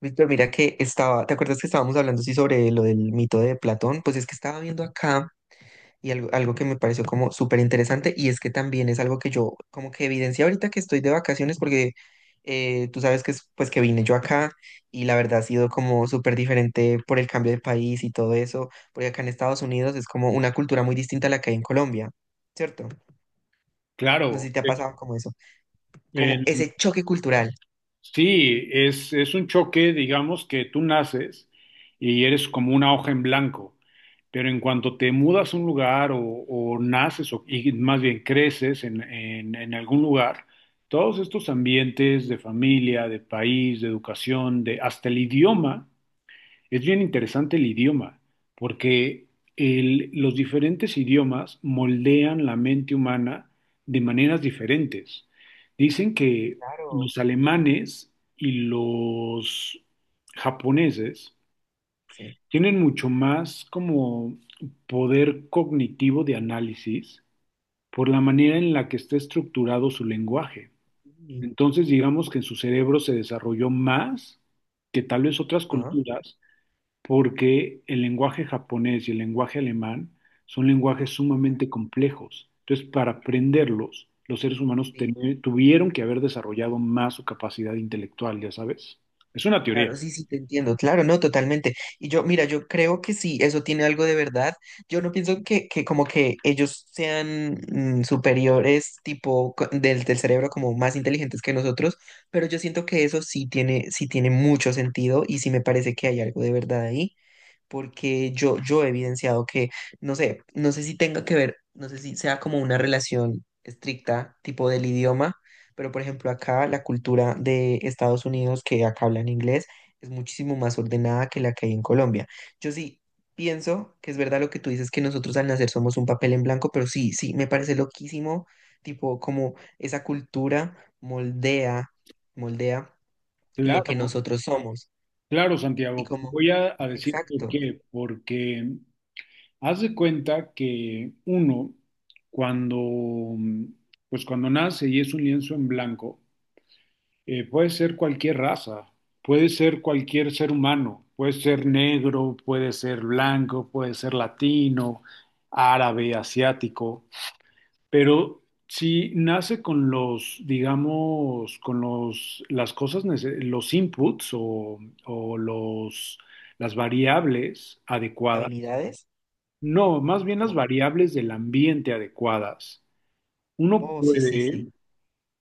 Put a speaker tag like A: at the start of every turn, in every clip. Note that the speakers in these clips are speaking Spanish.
A: Víctor, mira que estaba, ¿te acuerdas que estábamos hablando sí sobre lo del mito de Platón? Pues es que estaba viendo acá y algo que me pareció como súper interesante y es que también es algo que yo como que evidencia ahorita que estoy de vacaciones porque tú sabes que pues que vine yo acá y la verdad ha sido como súper diferente por el cambio de país y todo eso, porque acá en Estados Unidos es como una cultura muy distinta a la que hay en Colombia, ¿cierto? No
B: Claro.
A: sé si te ha pasado como eso, como
B: En-
A: ese choque cultural.
B: es un choque, digamos, que tú naces y eres como una hoja en blanco, pero en cuanto te mudas a un lugar o naces, o, y más bien creces en algún lugar, todos estos ambientes de familia, de país, de educación, de hasta el idioma. Es bien interesante el idioma, porque los diferentes idiomas moldean la mente humana de maneras diferentes. Dicen que
A: Claro,
B: los alemanes y los japoneses
A: sí.
B: tienen mucho más como poder cognitivo de análisis por la manera en la que está estructurado su lenguaje.
A: Sí.
B: Entonces, digamos que en su cerebro se desarrolló más que tal vez otras
A: Ah,
B: culturas, porque el lenguaje japonés y el lenguaje alemán son lenguajes sumamente complejos. Entonces, para aprenderlos, los seres humanos
A: sí.
B: tuvieron que haber desarrollado más su capacidad intelectual, ya sabes. Es una teoría.
A: Claro, sí, sí, te entiendo, claro, no, totalmente. Y yo, mira, yo creo que sí, eso tiene algo de verdad. Yo no pienso que como que ellos sean superiores, tipo, del cerebro, como más inteligentes que nosotros, pero yo siento que eso sí tiene mucho sentido y sí me parece que hay algo de verdad ahí porque yo he evidenciado que, no sé, no sé si tenga que ver, no sé si sea como una relación estricta, tipo del idioma, pero por ejemplo acá la cultura de Estados Unidos que acá hablan inglés es muchísimo más ordenada que la que hay en Colombia. Yo sí pienso que es verdad lo que tú dices, que nosotros al nacer somos un papel en blanco, pero sí, sí, me parece loquísimo, tipo como esa cultura moldea, moldea lo que
B: Claro,
A: nosotros somos
B: claro,
A: y
B: Santiago.
A: como,
B: Voy a decir por
A: exacto,
B: qué. Porque haz de cuenta que uno, cuando, pues cuando nace y es un lienzo en blanco. Puede ser cualquier raza, puede ser cualquier ser humano, puede ser negro, puede ser blanco, puede ser latino, árabe, asiático, pero si nace con los, digamos, con los, las cosas, los inputs o los, las variables adecuadas,
A: habilidades.
B: no, más bien las
A: Como
B: variables del ambiente adecuadas, uno
A: oh, sí, sí, sí,
B: puede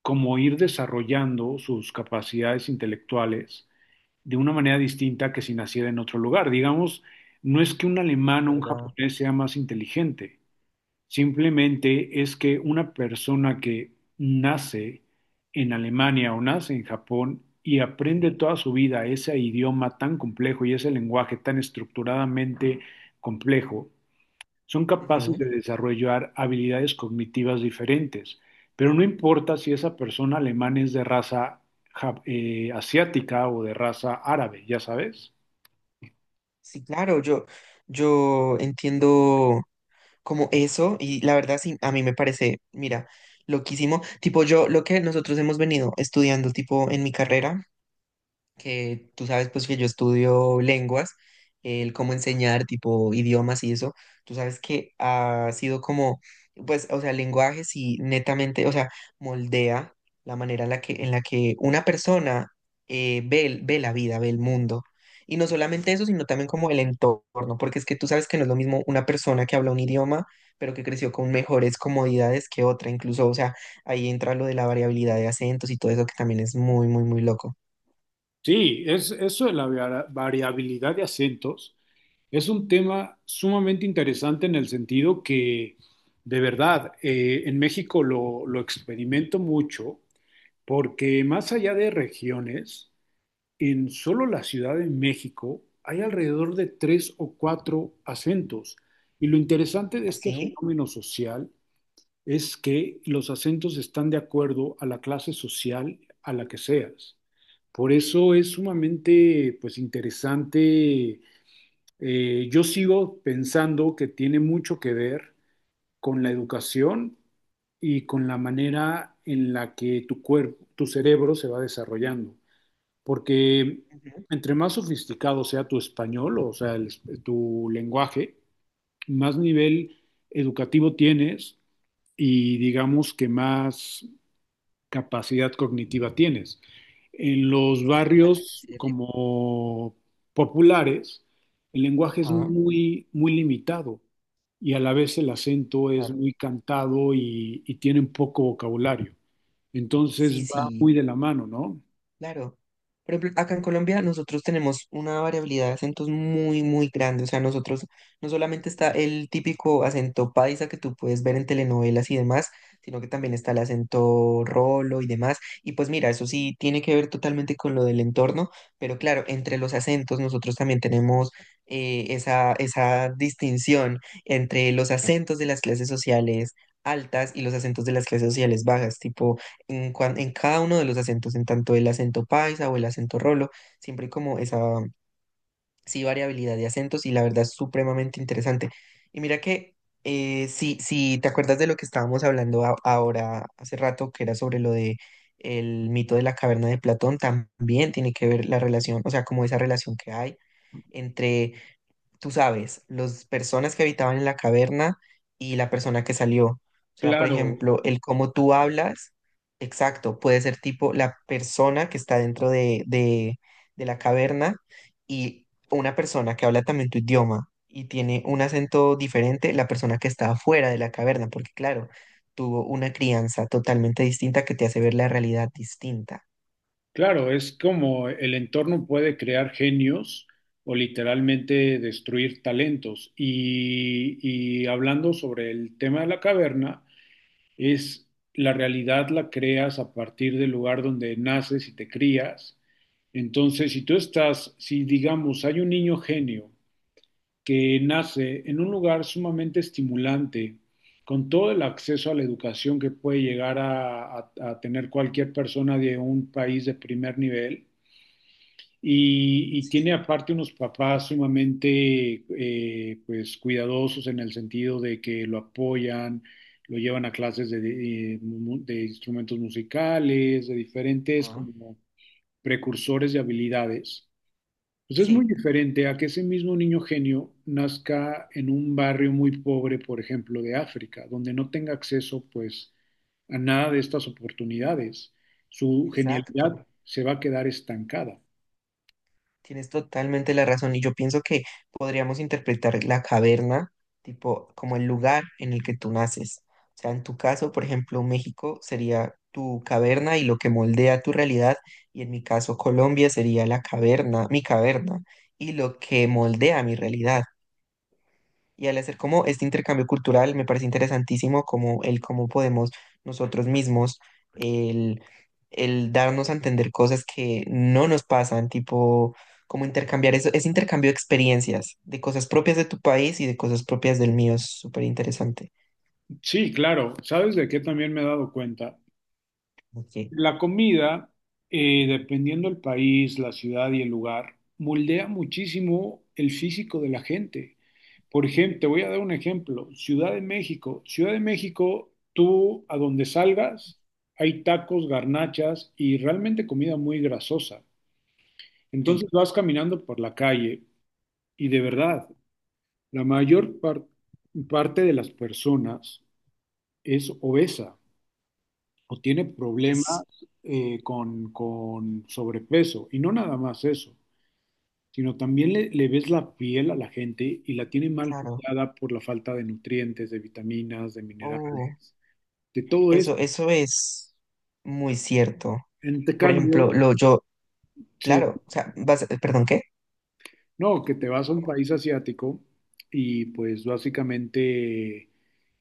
B: como ir desarrollando sus capacidades intelectuales de una manera distinta que si naciera en otro lugar. Digamos, no es que un alemán o
A: es
B: un
A: verdad.
B: japonés sea más inteligente, simplemente es que una persona que nace en Alemania o nace en Japón y
A: Sí.
B: aprende toda su vida ese idioma tan complejo y ese lenguaje tan estructuradamente complejo, son capaces
A: Ujú.
B: de desarrollar habilidades cognitivas diferentes, pero no importa si esa persona alemana es de raza asiática o de raza árabe, ya sabes.
A: Sí, claro, yo entiendo como eso y la verdad sí, a mí me parece, mira, loquísimo. Tipo, yo lo que nosotros hemos venido estudiando, tipo, en mi carrera. Que tú sabes pues que yo estudio lenguas, el cómo enseñar tipo idiomas y eso, tú sabes que ha sido como, pues, o sea, el lenguaje sí netamente, o sea, moldea la manera en la que una persona ve, ve la vida, ve el mundo. Y no solamente eso, sino también como el entorno, porque es que tú sabes que no es lo mismo una persona que habla un idioma, pero que creció con mejores comodidades que otra, incluso, o sea, ahí entra lo de la variabilidad de acentos y todo eso que también es muy, muy, muy loco.
B: Eso de la variabilidad de acentos es un tema sumamente interesante en el sentido que, de verdad, en México lo experimento mucho porque más allá de regiones, en solo la Ciudad de México hay alrededor de tres o cuatro acentos. Y lo interesante de este
A: ¿Así?
B: fenómeno social es que los acentos están de acuerdo a la clase social a la que seas. Por eso es sumamente, pues, interesante. Yo sigo pensando que tiene mucho que ver con la educación y con la manera en la que tu cuerpo, tu cerebro se va desarrollando, porque
A: Ujú.
B: entre más sofisticado sea tu español, o sea, tu lenguaje, más nivel educativo tienes y digamos que más capacidad cognitiva tienes. En los
A: Totalmente
B: barrios
A: cierto.
B: como populares, el lenguaje es
A: Ajá,
B: muy, muy limitado y a la vez el acento es
A: claro.
B: muy cantado y tienen poco vocabulario. Entonces
A: Sí,
B: va
A: sí,
B: muy de la mano, ¿no?
A: claro. Por ejemplo, acá en Colombia nosotros tenemos una variabilidad de acentos muy, muy grande. O sea, nosotros no solamente está el típico acento paisa que tú puedes ver en telenovelas y demás, sino que también está el acento rolo y demás. Y pues mira, eso sí tiene que ver totalmente con lo del entorno, pero claro, entre los acentos nosotros también tenemos esa distinción entre los acentos de las clases sociales altas y los acentos de las clases sociales bajas, tipo en, en cada uno de los acentos, en tanto el acento paisa o el acento rolo, siempre hay como esa sí, variabilidad de acentos y la verdad es supremamente interesante. Y mira que si te acuerdas de lo que estábamos hablando ahora hace rato, que era sobre lo de el mito de la caverna de Platón, también tiene que ver la relación, o sea, como esa relación que hay entre tú sabes, las personas que habitaban en la caverna y la persona que salió. O sea, por
B: Claro,
A: ejemplo, el cómo tú hablas, exacto, puede ser tipo la persona que está dentro de la caverna y una persona que habla también tu idioma y tiene un acento diferente, la persona que está afuera de la caverna, porque claro, tuvo una crianza totalmente distinta que te hace ver la realidad distinta.
B: claro, es como el entorno puede crear genios o literalmente destruir talentos. Y hablando sobre el tema de la caverna, es la realidad la creas a partir del lugar donde naces y te crías. Entonces, si tú estás, si digamos hay un niño genio que nace en un lugar sumamente estimulante, con todo el acceso a la educación que puede llegar a a tener cualquier persona de un país de primer nivel, y
A: Sí.
B: tiene aparte unos papás sumamente pues cuidadosos en el sentido de que lo apoyan, lo llevan a clases de instrumentos musicales, de diferentes
A: Ajá.
B: como precursores de habilidades. Pues es muy
A: Sí,
B: diferente a que ese mismo niño genio nazca en un barrio muy pobre, por ejemplo, de África, donde no tenga acceso, pues, a nada de estas oportunidades. Su
A: exacto.
B: genialidad se va a quedar estancada.
A: Tienes totalmente la razón y yo pienso que podríamos interpretar la caverna tipo como el lugar en el que tú naces. O sea, en tu caso, por ejemplo, México sería tu caverna y lo que moldea tu realidad, y en mi caso Colombia sería la caverna, mi caverna y lo que moldea mi realidad. Y al hacer como este intercambio cultural, me parece interesantísimo como el cómo podemos nosotros mismos, el, el darnos a entender cosas que no nos pasan, tipo como intercambiar eso, ese intercambio de experiencias, de cosas propias de tu país y de cosas propias del mío, es súper interesante.
B: Sí, claro. ¿Sabes de qué también me he dado cuenta?
A: Ok,
B: La comida, dependiendo del país, la ciudad y el lugar, moldea muchísimo el físico de la gente. Por ejemplo, te voy a dar un ejemplo. Ciudad de México. Ciudad de México, tú a donde salgas, hay tacos, garnachas y realmente comida muy grasosa. Entonces
A: sí,
B: vas caminando por la calle y de verdad, la parte de las personas es obesa, o tiene problemas
A: es
B: con sobrepeso. Y no nada más eso, sino también le ves la piel a la gente y la tiene mal
A: claro.
B: cuidada por la falta de nutrientes, de vitaminas, de
A: Oh,
B: minerales, de todo eso.
A: eso es muy cierto.
B: En te
A: Por ejemplo,
B: cambio,
A: lo yo,
B: sí,
A: claro, o sea, perdón, ¿qué?
B: no, que te vas a un país asiático y pues básicamente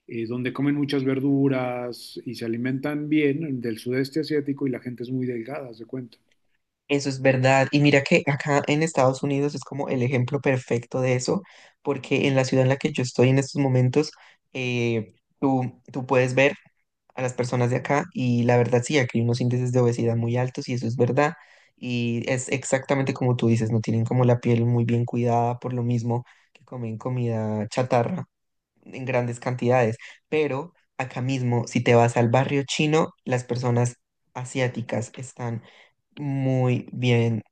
B: donde comen muchas verduras y se alimentan bien del sudeste asiático y la gente es muy delgada, haz de cuenta.
A: Eso es verdad. Y mira que acá en Estados Unidos es como el ejemplo perfecto de eso, porque en la ciudad en la que yo estoy en estos momentos, eh, tú puedes ver a las personas de acá y la verdad sí, aquí hay unos índices de obesidad muy altos y eso es verdad. Y es exactamente como tú dices, no tienen como la piel muy bien cuidada por lo mismo que comen comida chatarra en grandes cantidades. Pero acá mismo, si te vas al barrio chino, las personas asiáticas están muy bien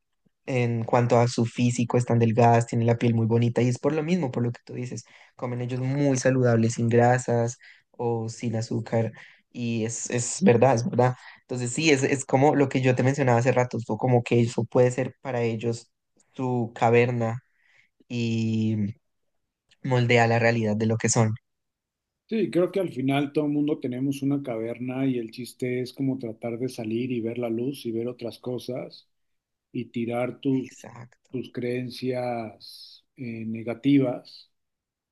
A: en cuanto a su físico, están delgadas, tienen la piel muy bonita y es por lo mismo, por lo que tú dices, comen ellos muy saludables, sin grasas o sin azúcar y es verdad, es verdad. Entonces sí, es como lo que yo te mencionaba hace rato, fue como que eso puede ser para ellos su caverna y moldea la realidad de lo que son.
B: Sí, creo que al final todo el mundo tenemos una caverna y el chiste es como tratar de salir y ver la luz y ver otras cosas y tirar tus,
A: Exacto.
B: tus creencias negativas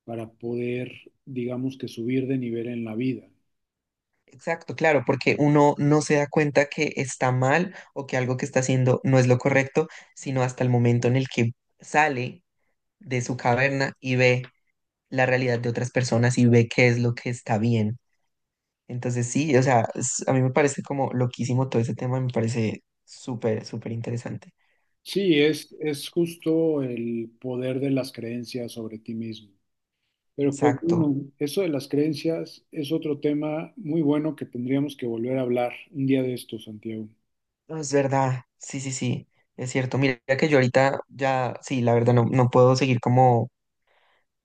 B: para poder, digamos, que subir de nivel en la vida.
A: Exacto, claro, porque uno no se da cuenta que está mal o que algo que está haciendo no es lo correcto, sino hasta el momento en el que sale de su caverna y ve la realidad de otras personas y ve qué es lo que está bien. Entonces sí, o sea, a mí me parece como loquísimo todo ese tema, me parece súper, súper interesante.
B: Sí, es justo el poder de las creencias sobre ti mismo. Pero pues
A: Exacto.
B: bueno, eso de las creencias es otro tema muy bueno que tendríamos que volver a hablar un día de esto, Santiago.
A: No, es verdad, sí, sí, sí, es cierto. Mira que yo ahorita ya, sí, la verdad no, no puedo seguir como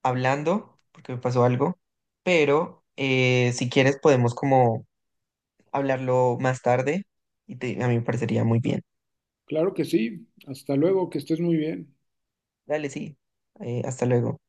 A: hablando, porque me pasó algo, pero si quieres podemos como hablarlo más tarde y a mí me parecería muy bien.
B: Claro que sí. Hasta luego, que estés muy bien.
A: Dale, sí. Hasta luego.